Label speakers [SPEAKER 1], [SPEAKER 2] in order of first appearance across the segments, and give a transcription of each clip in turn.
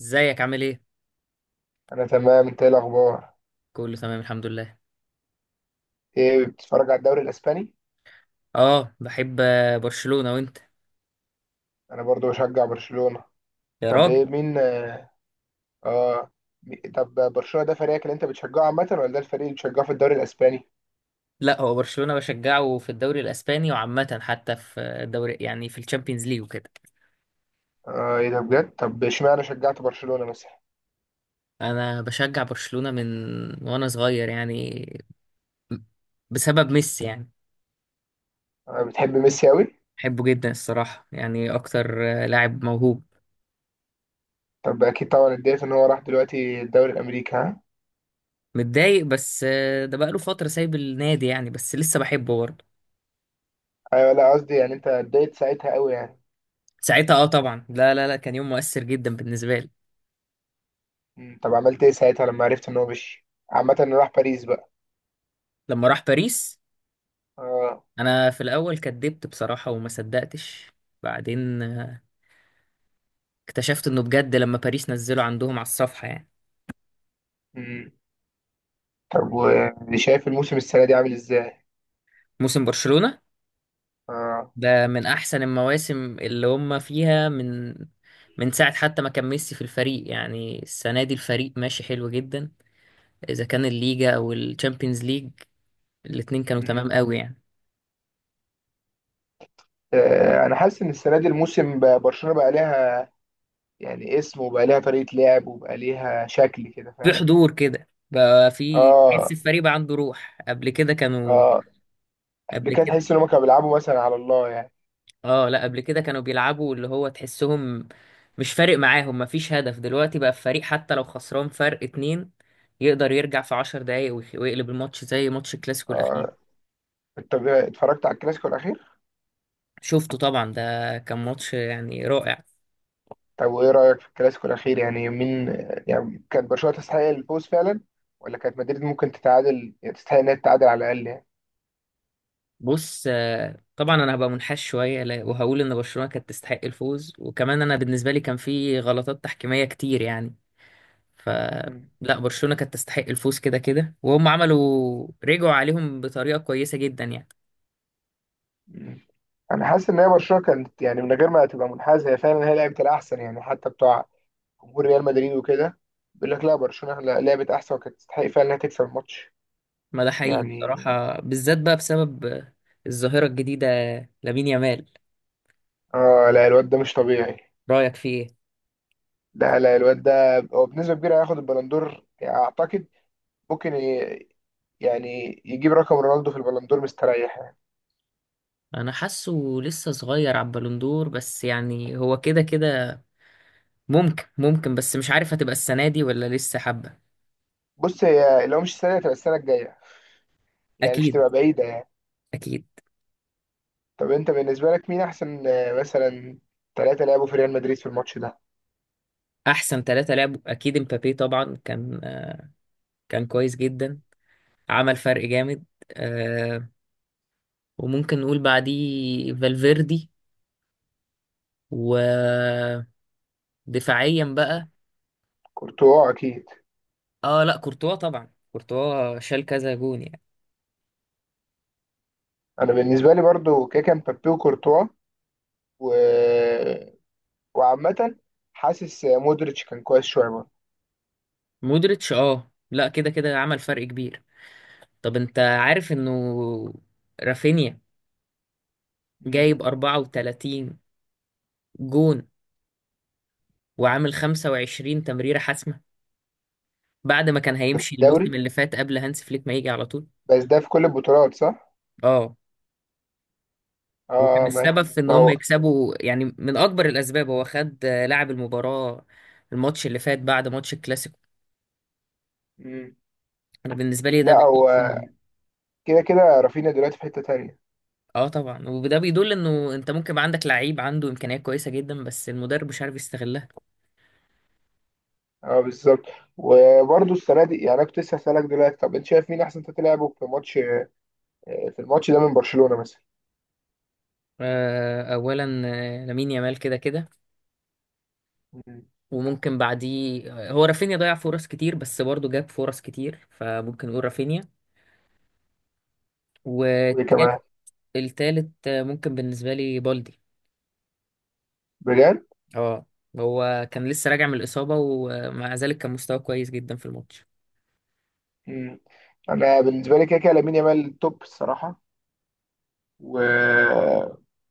[SPEAKER 1] ازيك عامل ايه؟
[SPEAKER 2] انا تمام. انت ايه الاخبار؟
[SPEAKER 1] كله تمام الحمد لله.
[SPEAKER 2] ايه، بتتفرج على الدوري الاسباني؟
[SPEAKER 1] اه، بحب برشلونة. وانت؟
[SPEAKER 2] انا برضو بشجع برشلونة.
[SPEAKER 1] يا
[SPEAKER 2] طب
[SPEAKER 1] راجل!
[SPEAKER 2] ايه، مين اه آه، طب برشلونة ده فريقك اللي انت بتشجعه عامة، ولا ده الفريق اللي بتشجعه في الدوري الاسباني؟
[SPEAKER 1] لا، هو برشلونة بشجعه في الدوري الاسباني، وعامة حتى في الدوري، يعني في الشامبيونز ليج وكده.
[SPEAKER 2] اه ايه ده بجد؟ طب اشمعنى شجعت برشلونة مثلا؟
[SPEAKER 1] انا بشجع برشلونة من وانا صغير يعني، بسبب ميسي يعني.
[SPEAKER 2] آه، بتحب ميسي قوي؟
[SPEAKER 1] بحبه جدا الصراحة، يعني اكتر. لاعب موهوب.
[SPEAKER 2] طب اكيد طبعا اتضايقت ان هو راح دلوقتي الدوري الامريكي، ها؟
[SPEAKER 1] متضايق بس. ده بقاله فترة سايب النادي يعني، بس لسه بحبه برضه.
[SPEAKER 2] ايوه، لا قصدي يعني انت اتضايقت ساعتها قوي يعني.
[SPEAKER 1] ساعتها اه، طبعا. لا لا لا، كان يوم مؤثر جدا بالنسبة لي.
[SPEAKER 2] مم، طب عملت ايه ساعتها لما عرفت ان هو مشي عامة، إنه راح باريس بقى؟
[SPEAKER 1] لما راح باريس،
[SPEAKER 2] اه.
[SPEAKER 1] انا في الاول كدبت بصراحه وما صدقتش. بعدين اكتشفت انه بجد لما باريس نزله عندهم على الصفحه يعني.
[SPEAKER 2] مم. طب وشايف الموسم السنة دي عامل ازاي؟
[SPEAKER 1] موسم برشلونه
[SPEAKER 2] اه.
[SPEAKER 1] ده من احسن المواسم اللي هم فيها، من ساعه حتى ما كان ميسي في الفريق. يعني السنه دي الفريق ماشي حلو جدا. اذا كان الليجا او الشامبيونز ليج، الاتنين كانوا تمام
[SPEAKER 2] مم.
[SPEAKER 1] قوي يعني.
[SPEAKER 2] انا حاسس ان السنه دي الموسم برشلونه بقى ليها يعني اسم، وبقى ليها طريقه لعب، وبقى ليها شكل كده،
[SPEAKER 1] في
[SPEAKER 2] فاهم؟
[SPEAKER 1] حضور كده بقى، في تحس
[SPEAKER 2] اه.
[SPEAKER 1] الفريق بقى عنده روح. قبل كده كانوا
[SPEAKER 2] اه. قبل
[SPEAKER 1] قبل
[SPEAKER 2] كده
[SPEAKER 1] كده
[SPEAKER 2] تحس ان هم كانوا بيلعبوا مثلا على الله يعني.
[SPEAKER 1] اه لا قبل كده كانوا بيلعبوا اللي هو تحسهم مش فارق معاهم، مفيش هدف. دلوقتي بقى الفريق حتى لو خسران فرق اتنين، يقدر يرجع في 10 دقايق ويقلب الماتش، زي ماتش الكلاسيكو الأخير.
[SPEAKER 2] اه، انت اتفرجت على الكلاسيكو الاخير؟
[SPEAKER 1] شفته طبعا، ده كان ماتش يعني رائع.
[SPEAKER 2] طب وايه رايك في الكلاسيكو الاخير؟ يعني مين، يعني كانت برشلونه تستحق الفوز فعلا، ولا كانت مدريد ممكن تتعادل، يعني تستحق انها تتعادل على الاقل يعني؟
[SPEAKER 1] بص، طبعا انا هبقى منحاش شويه وهقول ان برشلونه كانت تستحق الفوز، وكمان انا بالنسبه لي كان في غلطات تحكيميه كتير يعني. ف
[SPEAKER 2] مم.
[SPEAKER 1] لا، برشلونه كانت تستحق الفوز كده كده، وهم عملوا رجعوا عليهم بطريقه كويسه جدا يعني.
[SPEAKER 2] مم. انا حاسس ان هي برشلونه كانت يعني من غير ما تبقى منحازه، هي فعلا هي لعبت الاحسن يعني، حتى بتوع جمهور ريال مدريد وكده بيقول لك لا برشلونة لعبت احسن، وكانت تستحق فعلا انها تكسب الماتش
[SPEAKER 1] ما ده حقيقي
[SPEAKER 2] يعني.
[SPEAKER 1] بصراحة، بالذات بقى بسبب الظاهرة الجديدة، لامين يامال.
[SPEAKER 2] اه، لا الواد ده مش طبيعي.
[SPEAKER 1] رأيك فيه ايه؟
[SPEAKER 2] لا لا، الواد ده هو بنسبة كبيرة هياخد البلندور يعني، اعتقد ممكن يعني يجيب رقم رونالدو في البلندور مستريح يعني.
[SPEAKER 1] أنا حاسه لسه صغير على البالون دور، بس يعني هو كده كده ممكن، بس مش عارف هتبقى السنة دي ولا لسه حبة.
[SPEAKER 2] بص، هي لو مش السنة دي هتبقى السنة الجاية، يعني مش
[SPEAKER 1] أكيد.
[SPEAKER 2] تبقى بعيدة يعني.
[SPEAKER 1] أكيد.
[SPEAKER 2] طب انت بالنسبة لك مين احسن مثلا ثلاثة لعبوا في ريال مدريد في الماتش ده؟
[SPEAKER 1] أحسن ثلاثة لعبوا أكيد امبابي طبعا، كان كويس جدا، عمل فرق جامد. أه. وممكن نقول بعديه فالفيردي. ودفاعيا بقى،
[SPEAKER 2] كورتوا اكيد.
[SPEAKER 1] اه لا، كورتوا طبعا. كورتوا شال كذا جون يعني.
[SPEAKER 2] انا بالنسبة لي برضو كاكا مبابي وكورتوا، و، وعامة حاسس مودريتش كان كويس شوية برضه.
[SPEAKER 1] مودريتش اه لا، كده كده عمل فرق كبير. طب انت عارف انه رافينيا
[SPEAKER 2] مم.
[SPEAKER 1] جايب 34 جون، وعامل 25 تمريرة حاسمة، بعد ما كان
[SPEAKER 2] ده في
[SPEAKER 1] هيمشي
[SPEAKER 2] الدوري
[SPEAKER 1] الموسم اللي فات قبل هانس فليك ما يجي على طول؟
[SPEAKER 2] بس، ده في كل البطولات، صح؟
[SPEAKER 1] اه. وكان
[SPEAKER 2] اه ماشي.
[SPEAKER 1] السبب في ان
[SPEAKER 2] ما
[SPEAKER 1] هم
[SPEAKER 2] هو
[SPEAKER 1] يكسبوا يعني، من اكبر الاسباب. هو خد لاعب المباراة، الماتش اللي فات بعد ماتش الكلاسيكو.
[SPEAKER 2] مم.
[SPEAKER 1] انا بالنسبة لي ده
[SPEAKER 2] لا
[SPEAKER 1] بيدل
[SPEAKER 2] هو
[SPEAKER 1] إنه-
[SPEAKER 2] كده كده رافينيا دلوقتي في حتة تانية.
[SPEAKER 1] اه طبعا، وده بيدل انه انت ممكن يبقى عندك لعيب عنده امكانيات كويسة جدا، بس المدرب مش عارف يستغلها.
[SPEAKER 2] اه بالظبط. وبرضه السنة دي يعني، انا كنت لسه هسألك دلوقتي: طب انت شايف مين احسن تلعبه في ماتش، في الماتش ده من برشلونة مثلا؟
[SPEAKER 1] اولا لامين يامال كده كده.
[SPEAKER 2] مم.
[SPEAKER 1] وممكن بعديه، هو رافينيا ضيع فرص كتير، بس برضه جاب فرص كتير، فممكن نقول رافينيا.
[SPEAKER 2] وايه
[SPEAKER 1] والتالت
[SPEAKER 2] كمان؟
[SPEAKER 1] التالت ممكن بالنسبه لي بالدي.
[SPEAKER 2] بجد؟
[SPEAKER 1] اه، هو كان لسه راجع من الاصابه، ومع ذلك كان مستواه كويس جدا في الماتش.
[SPEAKER 2] مم. انا بالنسبة لي كده كده لامين يامال توب الصراحة، و...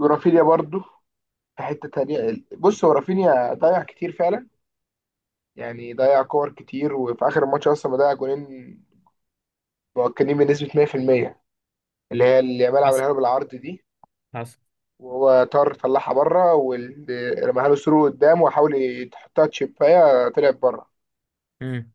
[SPEAKER 2] ورافينيا برضه في حتة تانية. بص، هو رافينيا ضيع كتير فعلا، يعني ضيع كور كتير، وفي اخر الماتش اصلا ضيع جولين مؤكدين بنسبه 100%، اللي هي اللي يامال
[SPEAKER 1] حصل.
[SPEAKER 2] عملها له بالعرض دي.
[SPEAKER 1] حصل.
[SPEAKER 2] وهو طار طلعها بره، ورماها له ثرو قدام، وحاول يحطها تشيبايه طلعت بره.
[SPEAKER 1] امم.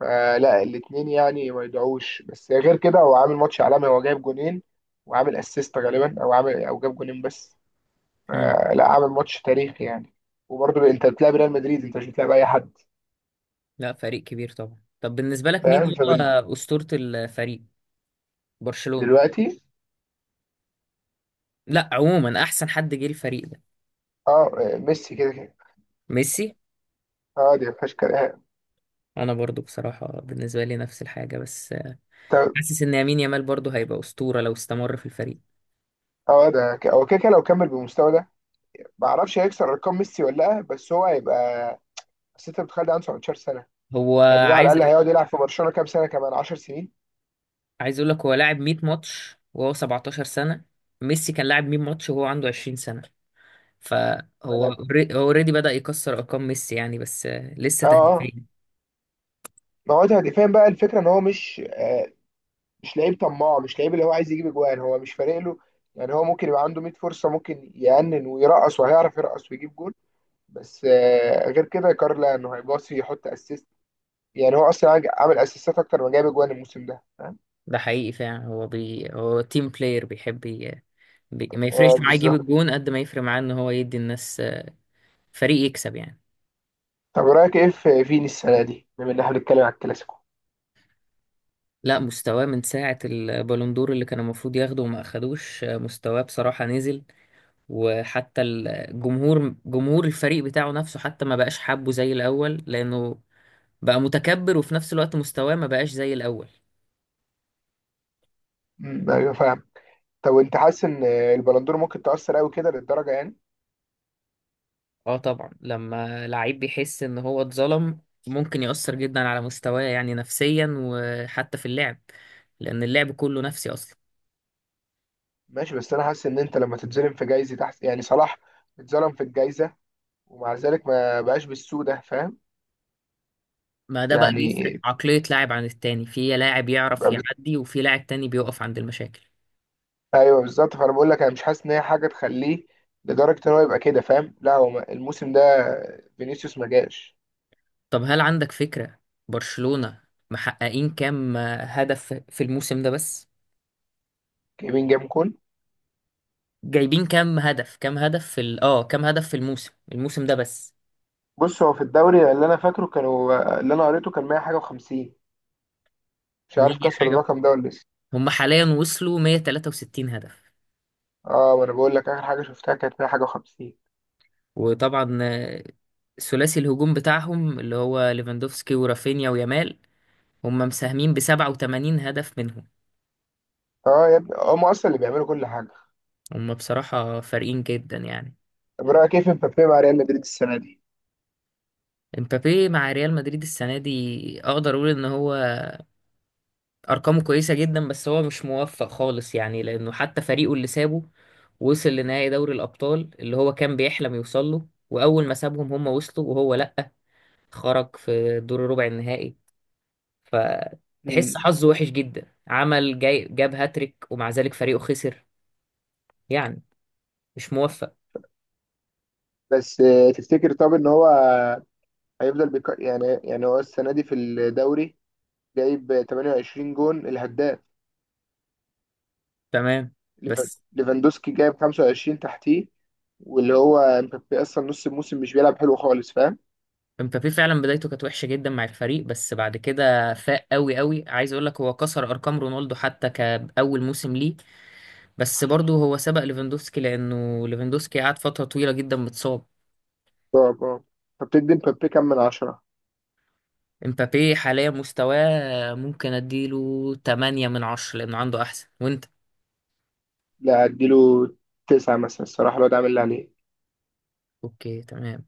[SPEAKER 2] فلا الاثنين يعني ما يدعوش، بس غير كده هو عامل ماتش عالمي، هو جايب جونين وعامل اسيست، غالبا او عامل، او جاب جونين بس.
[SPEAKER 1] امم.
[SPEAKER 2] فلا عامل ماتش تاريخي يعني. وبرضه انت بتلعب ريال مدريد، انت مش بتلعب اي حد،
[SPEAKER 1] لا، فريق كبير طبعا. طب بالنسبه لك مين
[SPEAKER 2] فاهم؟
[SPEAKER 1] هو اسطوره الفريق، برشلونه؟
[SPEAKER 2] فدلوقتي
[SPEAKER 1] لا، عموما احسن حد جه الفريق ده،
[SPEAKER 2] اه ميسي كده كده.
[SPEAKER 1] ميسي.
[SPEAKER 2] اه، دي ما فيهاش كلام.
[SPEAKER 1] انا برضو بصراحه بالنسبه لي نفس الحاجه، بس
[SPEAKER 2] طب-
[SPEAKER 1] حاسس ان يمين يامال برضه هيبقى اسطوره لو استمر في الفريق.
[SPEAKER 2] اه، ده ك- هو كده كده لو كمل بالمستوى ده، ما اعرفش هيكسر ارقام ميسي ولا لا، بس هو هيبقى. بس انت بتخيل ده عنده 17 سنه.
[SPEAKER 1] هو
[SPEAKER 2] يعني ده على
[SPEAKER 1] عايز
[SPEAKER 2] الاقل هيقعد يلعب في برشلونه كام سنه؟ كمان 10 سنين.
[SPEAKER 1] عايز اقول لك، هو لاعب 100 ماتش وهو 17 سنه. ميسي كان لاعب 100 ماتش وهو عنده 20 سنه.
[SPEAKER 2] انا
[SPEAKER 1] هو اوريدي بدأ يكسر ارقام ميسي يعني، بس لسه
[SPEAKER 2] اه اه،
[SPEAKER 1] تهديفين.
[SPEAKER 2] ما هو ده دفاعيا بقى الفكره ان هو مش آه، مش لعيب طماع، مش لعيب اللي هو عايز يجيب اجوان، هو مش فارق له. يعني هو ممكن يبقى عنده 100 فرصه، ممكن يأنن ويرقص، وهيعرف يرقص ويجيب جول، بس آه غير كده كارلا انه هيباصي يحط اسيست. يعني هو اصلا عامل اسيستات اكتر ما جايب اجوان الموسم ده، فاهم؟
[SPEAKER 1] ده حقيقي فعلا. هو تيم بلاير، ما
[SPEAKER 2] اه
[SPEAKER 1] يفرقش معاه يجيب
[SPEAKER 2] بالظبط.
[SPEAKER 1] الجون قد ما يفرق معاه ان هو يدي الناس فريق يكسب يعني.
[SPEAKER 2] طب رأيك ايه في فيني السنة دي، بما ان احنا بنتكلم على الكلاسيكو؟
[SPEAKER 1] لا، مستواه من ساعة البالون دور اللي كان المفروض ياخده وما اخدوش، مستواه بصراحة نزل. وحتى جمهور الفريق بتاعه نفسه، حتى ما بقاش حابه زي الأول، لأنه بقى متكبر، وفي نفس الوقت مستواه ما بقاش زي الأول.
[SPEAKER 2] مم. ايوه فاهم. طب انت حاسس ان البلندور ممكن تأثر قوي كده للدرجة يعني؟
[SPEAKER 1] اه طبعا، لما لعيب بيحس ان هو اتظلم، ممكن يأثر جدا على مستواه يعني نفسيا، وحتى في اللعب، لأن اللعب كله نفسي أصلا.
[SPEAKER 2] ماشي، بس انا حاسس ان انت لما تتظلم في جايزة، تحس يعني صلاح اتظلم في الجايزة، ومع ذلك ما بقاش بالسوء ده، فاهم؟
[SPEAKER 1] ما ده بقى
[SPEAKER 2] يعني
[SPEAKER 1] بيفرق عقلية لاعب عن التاني. في لاعب يعرف
[SPEAKER 2] بقى بز...
[SPEAKER 1] يعدي، وفي لاعب تاني بيقف عند المشاكل.
[SPEAKER 2] ايوه بالظبط. فانا بقول لك انا مش حاسس ان هي حاجة تخليه لدرجة ان هو يبقى كده، فاهم؟ لا هو الموسم ده فينيسيوس ما جاش
[SPEAKER 1] طب هل عندك فكرة برشلونة محققين كام هدف في الموسم ده بس؟
[SPEAKER 2] كيمين جاب كون.
[SPEAKER 1] جايبين كام هدف كام هدف في ال... اه كام هدف في الموسم ده بس.
[SPEAKER 2] بص، هو في الدوري اللي انا فاكره، كانوا اللي انا قريته كان 100 حاجة و50، مش
[SPEAKER 1] 100
[SPEAKER 2] عارف كسر
[SPEAKER 1] حاجة.
[SPEAKER 2] الرقم ده ولا لسه.
[SPEAKER 1] هم حاليا وصلوا 163 هدف.
[SPEAKER 2] اه، ما انا بقول لك اخر حاجه شفتها كانت 100 حاجه و50.
[SPEAKER 1] وطبعا ثلاثي الهجوم بتاعهم اللي هو ليفاندوفسكي ورافينيا ويامال، هم مساهمين ب 87 هدف منهم.
[SPEAKER 2] اه يا ابني، هم اصلا اللي بيعملوا كل حاجه.
[SPEAKER 1] هم بصراحة فارقين جدا يعني.
[SPEAKER 2] طب رايك كيف مبابي مع ريال مدريد السنه دي؟
[SPEAKER 1] امبابي مع ريال مدريد السنة دي اقدر اقول ان هو ارقامه كويسه جدا، بس هو مش موفق خالص يعني. لانه حتى فريقه اللي سابه وصل لنهائي دوري الابطال اللي هو كان بيحلم يوصل له، واول ما سابهم هم وصلوا، وهو لا، خرج في دور ربع النهائي. فتحس
[SPEAKER 2] مم.
[SPEAKER 1] حظه وحش جدا، عمل جاي جاب هاتريك ومع ذلك فريقه خسر. يعني مش موفق.
[SPEAKER 2] بس آه، تفتكر طب ان هو يعني، يعني هو السنه دي في الدوري جايب 28 جون الهداف.
[SPEAKER 1] تمام. بس
[SPEAKER 2] ليفاندوسكي جايب 25 تحتيه، واللي هو مبابي اصلا نص الموسم مش بيلعب حلو خالص، فاهم؟
[SPEAKER 1] مبابي فعلا بدايته كانت وحشه جدا مع الفريق، بس بعد كده فاق قوي قوي. عايز اقول لك، هو كسر ارقام رونالدو حتى كاول موسم ليه. بس برضه هو سبق ليفاندوفسكي، لأنه ليفاندوفسكي قعد فترة طويلة جدا متصاب.
[SPEAKER 2] طب اه، فبتدي مبابي كام من عشرة؟
[SPEAKER 1] امبابي حاليا مستواه ممكن اديله 8 من 10، لأنه عنده أحسن. وأنت؟
[SPEAKER 2] لا اديله تسعة مثلا، الصراحه الواد عامل اللي عليه.
[SPEAKER 1] أوكي، تمام.